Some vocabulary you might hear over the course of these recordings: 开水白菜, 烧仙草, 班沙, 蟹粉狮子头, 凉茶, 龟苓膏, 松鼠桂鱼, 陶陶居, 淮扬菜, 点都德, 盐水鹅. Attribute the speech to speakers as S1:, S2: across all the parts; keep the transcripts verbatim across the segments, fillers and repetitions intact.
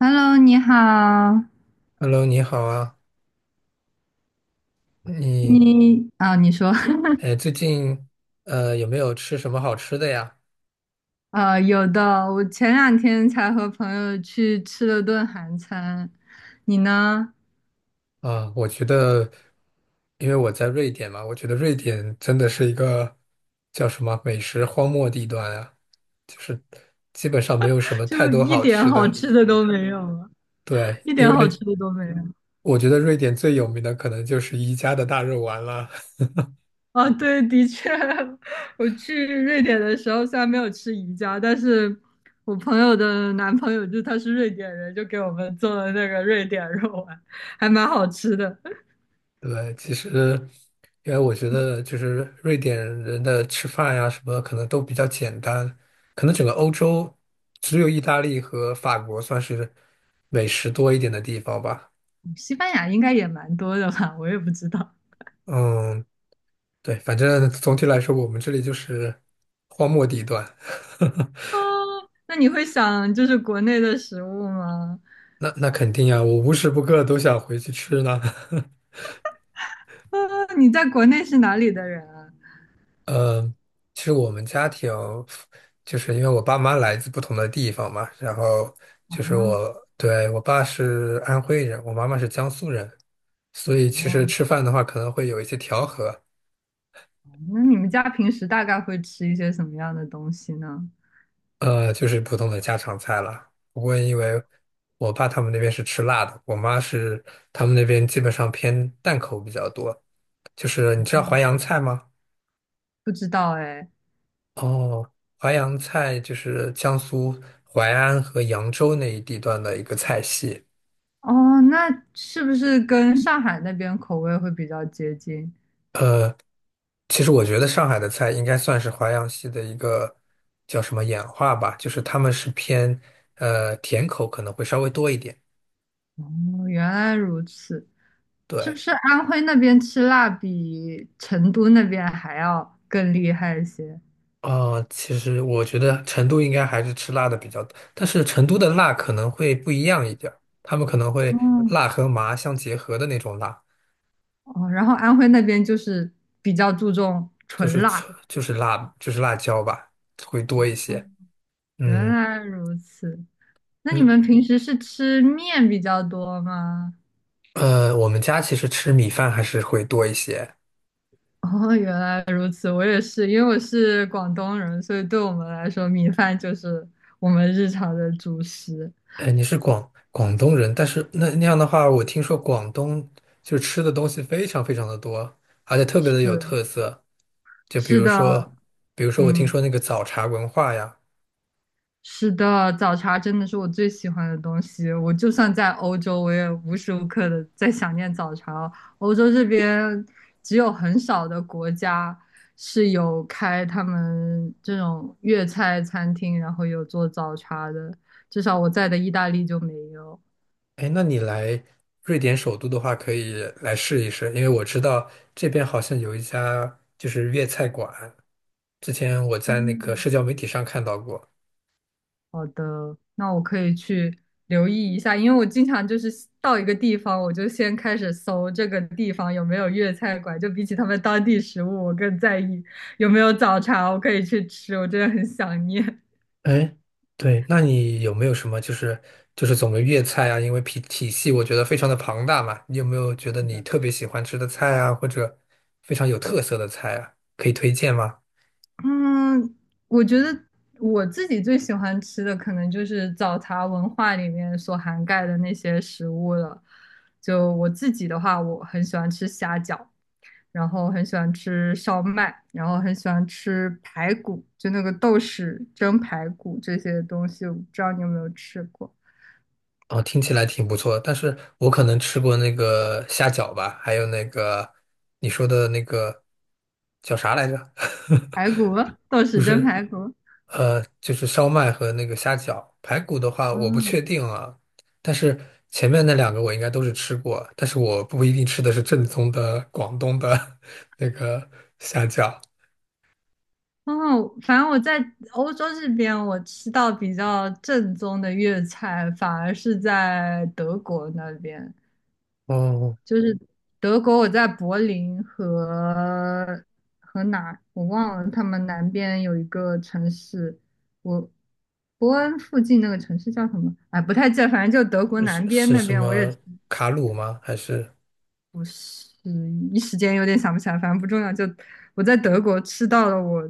S1: Hello，你好，
S2: Hello，你好啊，你
S1: 你啊，你说，
S2: 哎，最近呃有没有吃什么好吃的呀？
S1: 啊，有的，我前两天才和朋友去吃了顿韩餐，你呢？
S2: 啊，我觉得，因为我在瑞典嘛，我觉得瑞典真的是一个叫什么美食荒漠地段啊，就是基本上没有什 么太
S1: 就
S2: 多
S1: 一
S2: 好
S1: 点
S2: 吃
S1: 好
S2: 的。
S1: 吃的都没有了，
S2: 对，
S1: 一
S2: 因
S1: 点好吃
S2: 为
S1: 的都没有。
S2: 我觉得瑞典最有名的可能就是宜家的大肉丸了。
S1: 啊，对，的确，我去瑞典的时候虽然没有吃宜家，但是我朋友的男朋友就他是瑞典人，就给我们做了那个瑞典肉丸，还蛮好吃的。
S2: 对，其实因为我觉得就是瑞典人的吃饭呀什么可能都比较简单，可能整个欧洲只有意大利和法国算是美食多一点的地方吧。
S1: 西班牙应该也蛮多的吧，我也不知道。
S2: 嗯，对，反正总体来说我们这里就是荒漠地段。
S1: 啊，那你会想就是国内的食物吗？
S2: 那那肯定呀，我无时不刻都想回去吃呢。
S1: 啊，你在国内是哪里的人啊？
S2: 嗯，其实我们家庭就是因为我爸妈来自不同的地方嘛，然后就是
S1: 啊，
S2: 我，对，我爸是安徽人，我妈妈是江苏人，所以其实
S1: 哦，
S2: 吃饭的话可能会有一些调和。
S1: 那你们家平时大概会吃一些什么样的东西呢？
S2: 呃，就是普通的家常菜了。不过因为我爸他们那边是吃辣的，我妈是他们那边基本上偏淡口比较多。就是你知道淮扬菜吗？
S1: 不知道哎。
S2: 哦，淮扬菜就是江苏淮安和扬州那一地段的一个菜系。
S1: 哦，那是不是跟上海那边口味会比较接近？
S2: 其实我觉得上海的菜应该算是淮扬系的一个叫什么演化吧，就是他们是偏呃甜口可能会稍微多一点。
S1: 哦，原来如此。是不
S2: 对，
S1: 是安徽那边吃辣比成都那边还要更厉害一些？
S2: 啊、其实我觉得成都应该还是吃辣的比较多，但是成都的辣可能会不一样一点儿，他们可能会
S1: 哦
S2: 辣和麻相结合的那种辣，
S1: 哦，然后安徽那边就是比较注重
S2: 就
S1: 纯
S2: 是
S1: 辣。
S2: 纯就是辣就是辣椒吧，会多一
S1: 哦
S2: 些。
S1: 原
S2: 嗯。
S1: 来如此。那你
S2: 嗯。
S1: 们平时是吃面比较多吗？
S2: 呃，我们家其实吃米饭还是会多一些。
S1: 哦，原来如此。我也是，因为我是广东人，所以对我们来说，米饭就是我们日常的主食。
S2: 哎，你是广广东人，但是那那样的话，我听说广东就吃的东西非常非常的多，而且特别的有
S1: 是，
S2: 特色。就比
S1: 是
S2: 如
S1: 的，
S2: 说，比如说我听
S1: 嗯。
S2: 说那个早茶文化呀。
S1: 是的，早茶真的是我最喜欢的东西。我就算在欧洲，我也无时无刻的在想念早茶哦。欧洲这边只有很少的国家是有开他们这种粤菜餐厅，然后有做早茶的，至少我在的意大利就没有。
S2: 哎，那你来瑞典首都的话，可以来试一试，因为我知道这边好像有一家就是粤菜馆，之前我在那个社交媒体上看到过。
S1: 好的，那我可以去留意一下，因为我经常就是到一个地方，我就先开始搜这个地方有没有粤菜馆，就比起他们当地食物，我更在意有没有早茶，我可以去吃，我真的很想念。
S2: 哎，对，那你有没有什么就是就是总的粤菜啊？因为体体系我觉得非常的庞大嘛，你有没有觉得
S1: 是
S2: 你
S1: 的，
S2: 特别喜欢吃的菜啊，或者非常有特色的菜啊，可以推荐吗？
S1: 嗯，我觉得我自己最喜欢吃的可能就是早茶文化里面所涵盖的那些食物了。就我自己的话，我很喜欢吃虾饺。然后很喜欢吃烧麦，然后很喜欢吃排骨，就那个豆豉蒸排骨这些东西，我不知道你有没有吃过
S2: 哦，听起来挺不错，但是我可能吃过那个虾饺吧，还有那个你说的那个叫啥来着？
S1: 排骨，豆
S2: 不
S1: 豉蒸
S2: 是。
S1: 排骨。
S2: 呃，就是烧麦和那个虾饺。排骨的话，我不
S1: 嗯，
S2: 确定啊，但是前面那两个我应该都是吃过，但是我不一定吃的是正宗的广东的 那个虾饺。
S1: 哦，反正我在欧洲这边，我吃到比较正宗的粤菜，反而是在德国那边。
S2: 哦，
S1: 就是德国，我在柏林和和哪儿我忘了，他们南边有一个城市，我伯恩附近那个城市叫什么？哎，不太记得，反正就德国
S2: 是
S1: 南边
S2: 是
S1: 那
S2: 什
S1: 边，我也
S2: 么卡鲁吗？还是
S1: 不是一时间有点想不起来，反正不重要。就我在德国吃到了我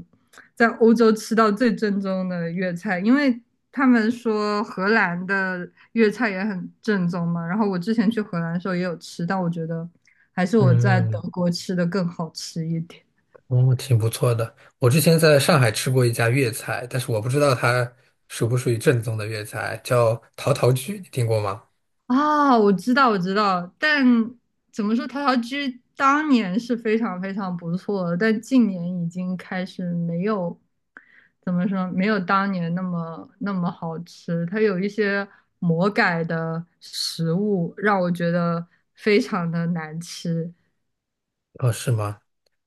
S1: 在欧洲吃到最正宗的粤菜，因为他们说荷兰的粤菜也很正宗嘛。然后我之前去荷兰的时候也有吃，但我觉得还是我在德
S2: 嗯，
S1: 国吃的更好吃一点。
S2: 哦，挺不错的。我之前在上海吃过一家粤菜，但是我不知道它属不属于正宗的粤菜，叫陶陶居，你听过吗？
S1: 啊，我知道，我知道，但怎么说，陶陶居当年是非常非常不错的，但近年已经开始没有，怎么说，没有当年那么那么好吃。它有一些魔改的食物，让我觉得非常的难吃。
S2: 哦，是吗？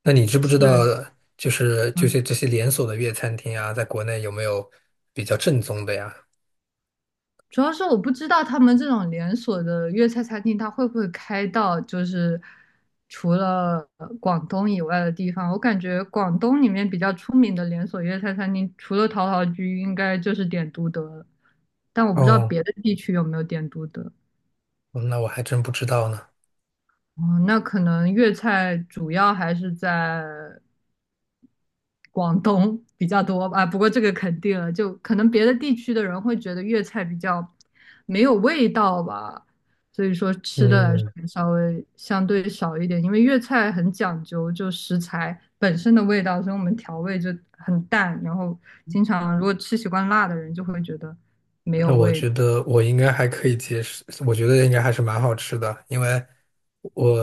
S2: 那你知不知道，
S1: 是，
S2: 就是就
S1: 嗯。
S2: 是这些连锁的粤餐厅啊，在国内有没有比较正宗的呀？
S1: 主要是我不知道他们这种连锁的粤菜餐厅，它会不会开到就是除了呃广东以外的地方。我感觉广东里面比较出名的连锁粤菜餐厅，除了陶陶居，应该就是点都德了。但我不知道
S2: 哦，
S1: 别的地区有没有点都德。
S2: 那我还真不知道呢。
S1: 哦，那可能粤菜主要还是在广东比较多吧，不过这个肯定了，就可能别的地区的人会觉得粤菜比较没有味道吧，所以说吃的来说
S2: 嗯，
S1: 也稍微相对少一点，因为粤菜很讲究就食材本身的味道，所以我们调味就很淡，然后经常如果吃习惯辣的人就会觉得没
S2: 那
S1: 有
S2: 我
S1: 味。
S2: 觉得我应该还可以接受，我觉得应该还是蛮好吃的，因为我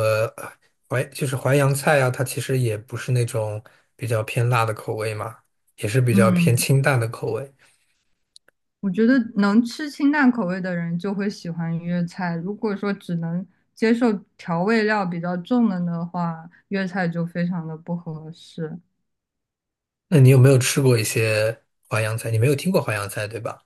S2: 淮就是淮扬菜啊，它其实也不是那种比较偏辣的口味嘛，也是比较偏
S1: 嗯，
S2: 清淡的口味。
S1: 我觉得能吃清淡口味的人就会喜欢粤菜，如果说只能接受调味料比较重的的话，粤菜就非常的不合适。
S2: 那你有没有吃过一些淮扬菜？你没有听过淮扬菜，对吧？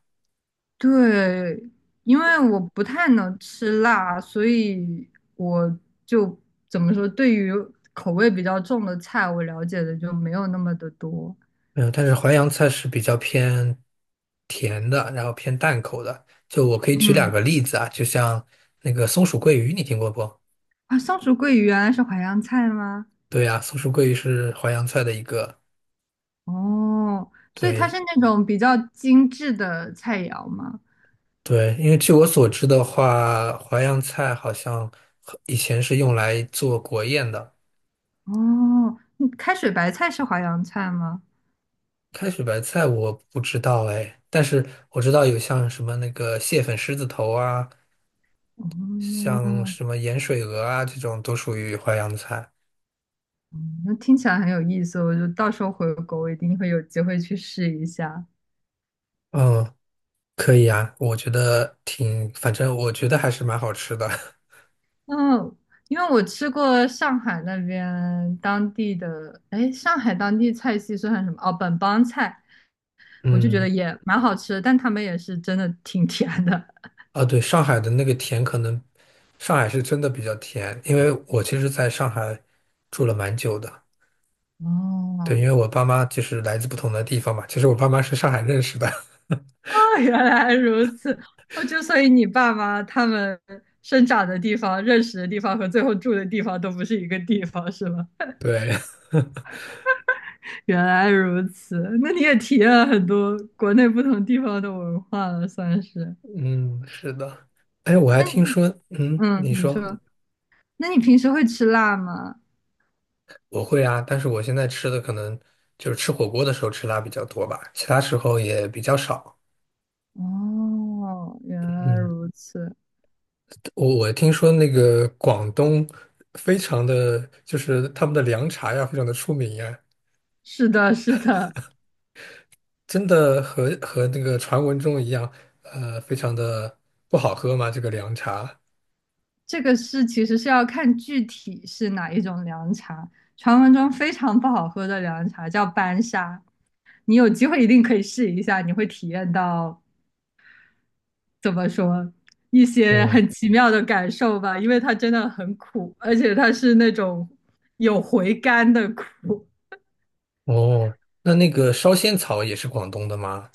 S1: 对，因为我不太能吃辣，所以我就怎么说，对于口味比较重的菜，我了解的就没有那么的多。
S2: 没有，但是淮扬菜是比较偏甜的，然后偏淡口的。就我可以举两
S1: 嗯，
S2: 个例子啊，就像那个松鼠桂鱼，你听过不？
S1: 啊，松鼠桂鱼原来是淮扬菜吗？
S2: 对呀，松鼠桂鱼是淮扬菜的一个。
S1: 哦，所以它是
S2: 对。
S1: 那种比较精致的菜肴吗？
S2: 对，因为据我所知的话，淮扬菜好像和以前是用来做国宴的。
S1: 哦，嗯，开水白菜是淮扬菜吗？
S2: 开水白菜我不知道哎，但是我知道有像什么那个蟹粉狮子头啊，像
S1: 哦，
S2: 什么盐水鹅啊，这种都属于淮扬菜。
S1: 嗯，那听起来很有意思，我就到时候回国，我一定会有机会去试一下。
S2: 嗯。可以啊，我觉得挺，反正我觉得还是蛮好吃的。
S1: 嗯，因为我吃过上海那边当地的，哎，上海当地菜系算什么？哦，本帮菜，我就觉得
S2: 嗯，
S1: 也蛮好吃的，但他们也是真的挺甜的。
S2: 啊，对，上海的那个甜可能，上海是真的比较甜，因为我其实在上海住了蛮久的。对，因
S1: 哦，
S2: 为我爸妈就是来自不同的地方嘛，其实我爸妈是上海认识的。
S1: 哦，原来如此。哦，就所以你爸妈他们生长的地方、认识的地方和最后住的地方都不是一个地方，是吗？
S2: 对，
S1: 原来如此。那你也体验了很多国内不同地方的文化了，算是。
S2: 嗯，是的。哎，我还
S1: 那
S2: 听
S1: 你，
S2: 说，嗯，
S1: 嗯，
S2: 你
S1: 你
S2: 说。
S1: 说，那你平时会吃辣吗？
S2: 我会啊，但是我现在吃的可能就是吃火锅的时候吃辣比较多吧，其他时候也比较少。
S1: 哦，原来
S2: 嗯。
S1: 如此。
S2: 我我听说那个广东非常的，就是他们的凉茶呀，非常的出名呀，
S1: 是的，是的，
S2: 真的和和那个传闻中一样，呃，非常的不好喝吗？这个凉茶？
S1: 这个是其实是要看具体是哪一种凉茶。传闻中非常不好喝的凉茶叫班沙。你有机会一定可以试一下，你会体验到怎么说一些
S2: 嗯。
S1: 很奇妙的感受吧，因为它真的很苦，而且它是那种有回甘的苦。
S2: 哦，那那个烧仙草也是广东的吗？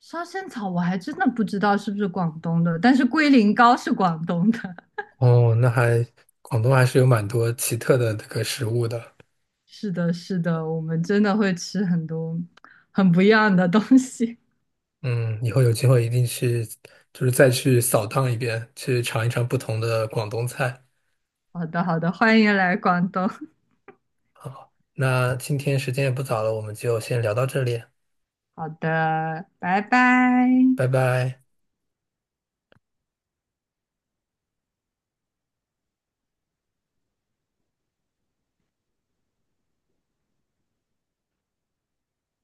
S1: 烧仙草我还真的不知道是不是广东的，但是龟苓膏是广东的。
S2: 哦，那还广东还是有蛮多奇特的这个食物的。
S1: 是的，是的，我们真的会吃很多很不一样的东西。
S2: 嗯，以后有机会一定去，就是再去扫荡一遍，去尝一尝不同的广东菜。
S1: 好的，好的，欢迎来广东。
S2: 好，那今天时间也不早了，我们就先聊到这里。
S1: 好的，拜拜。
S2: 拜拜。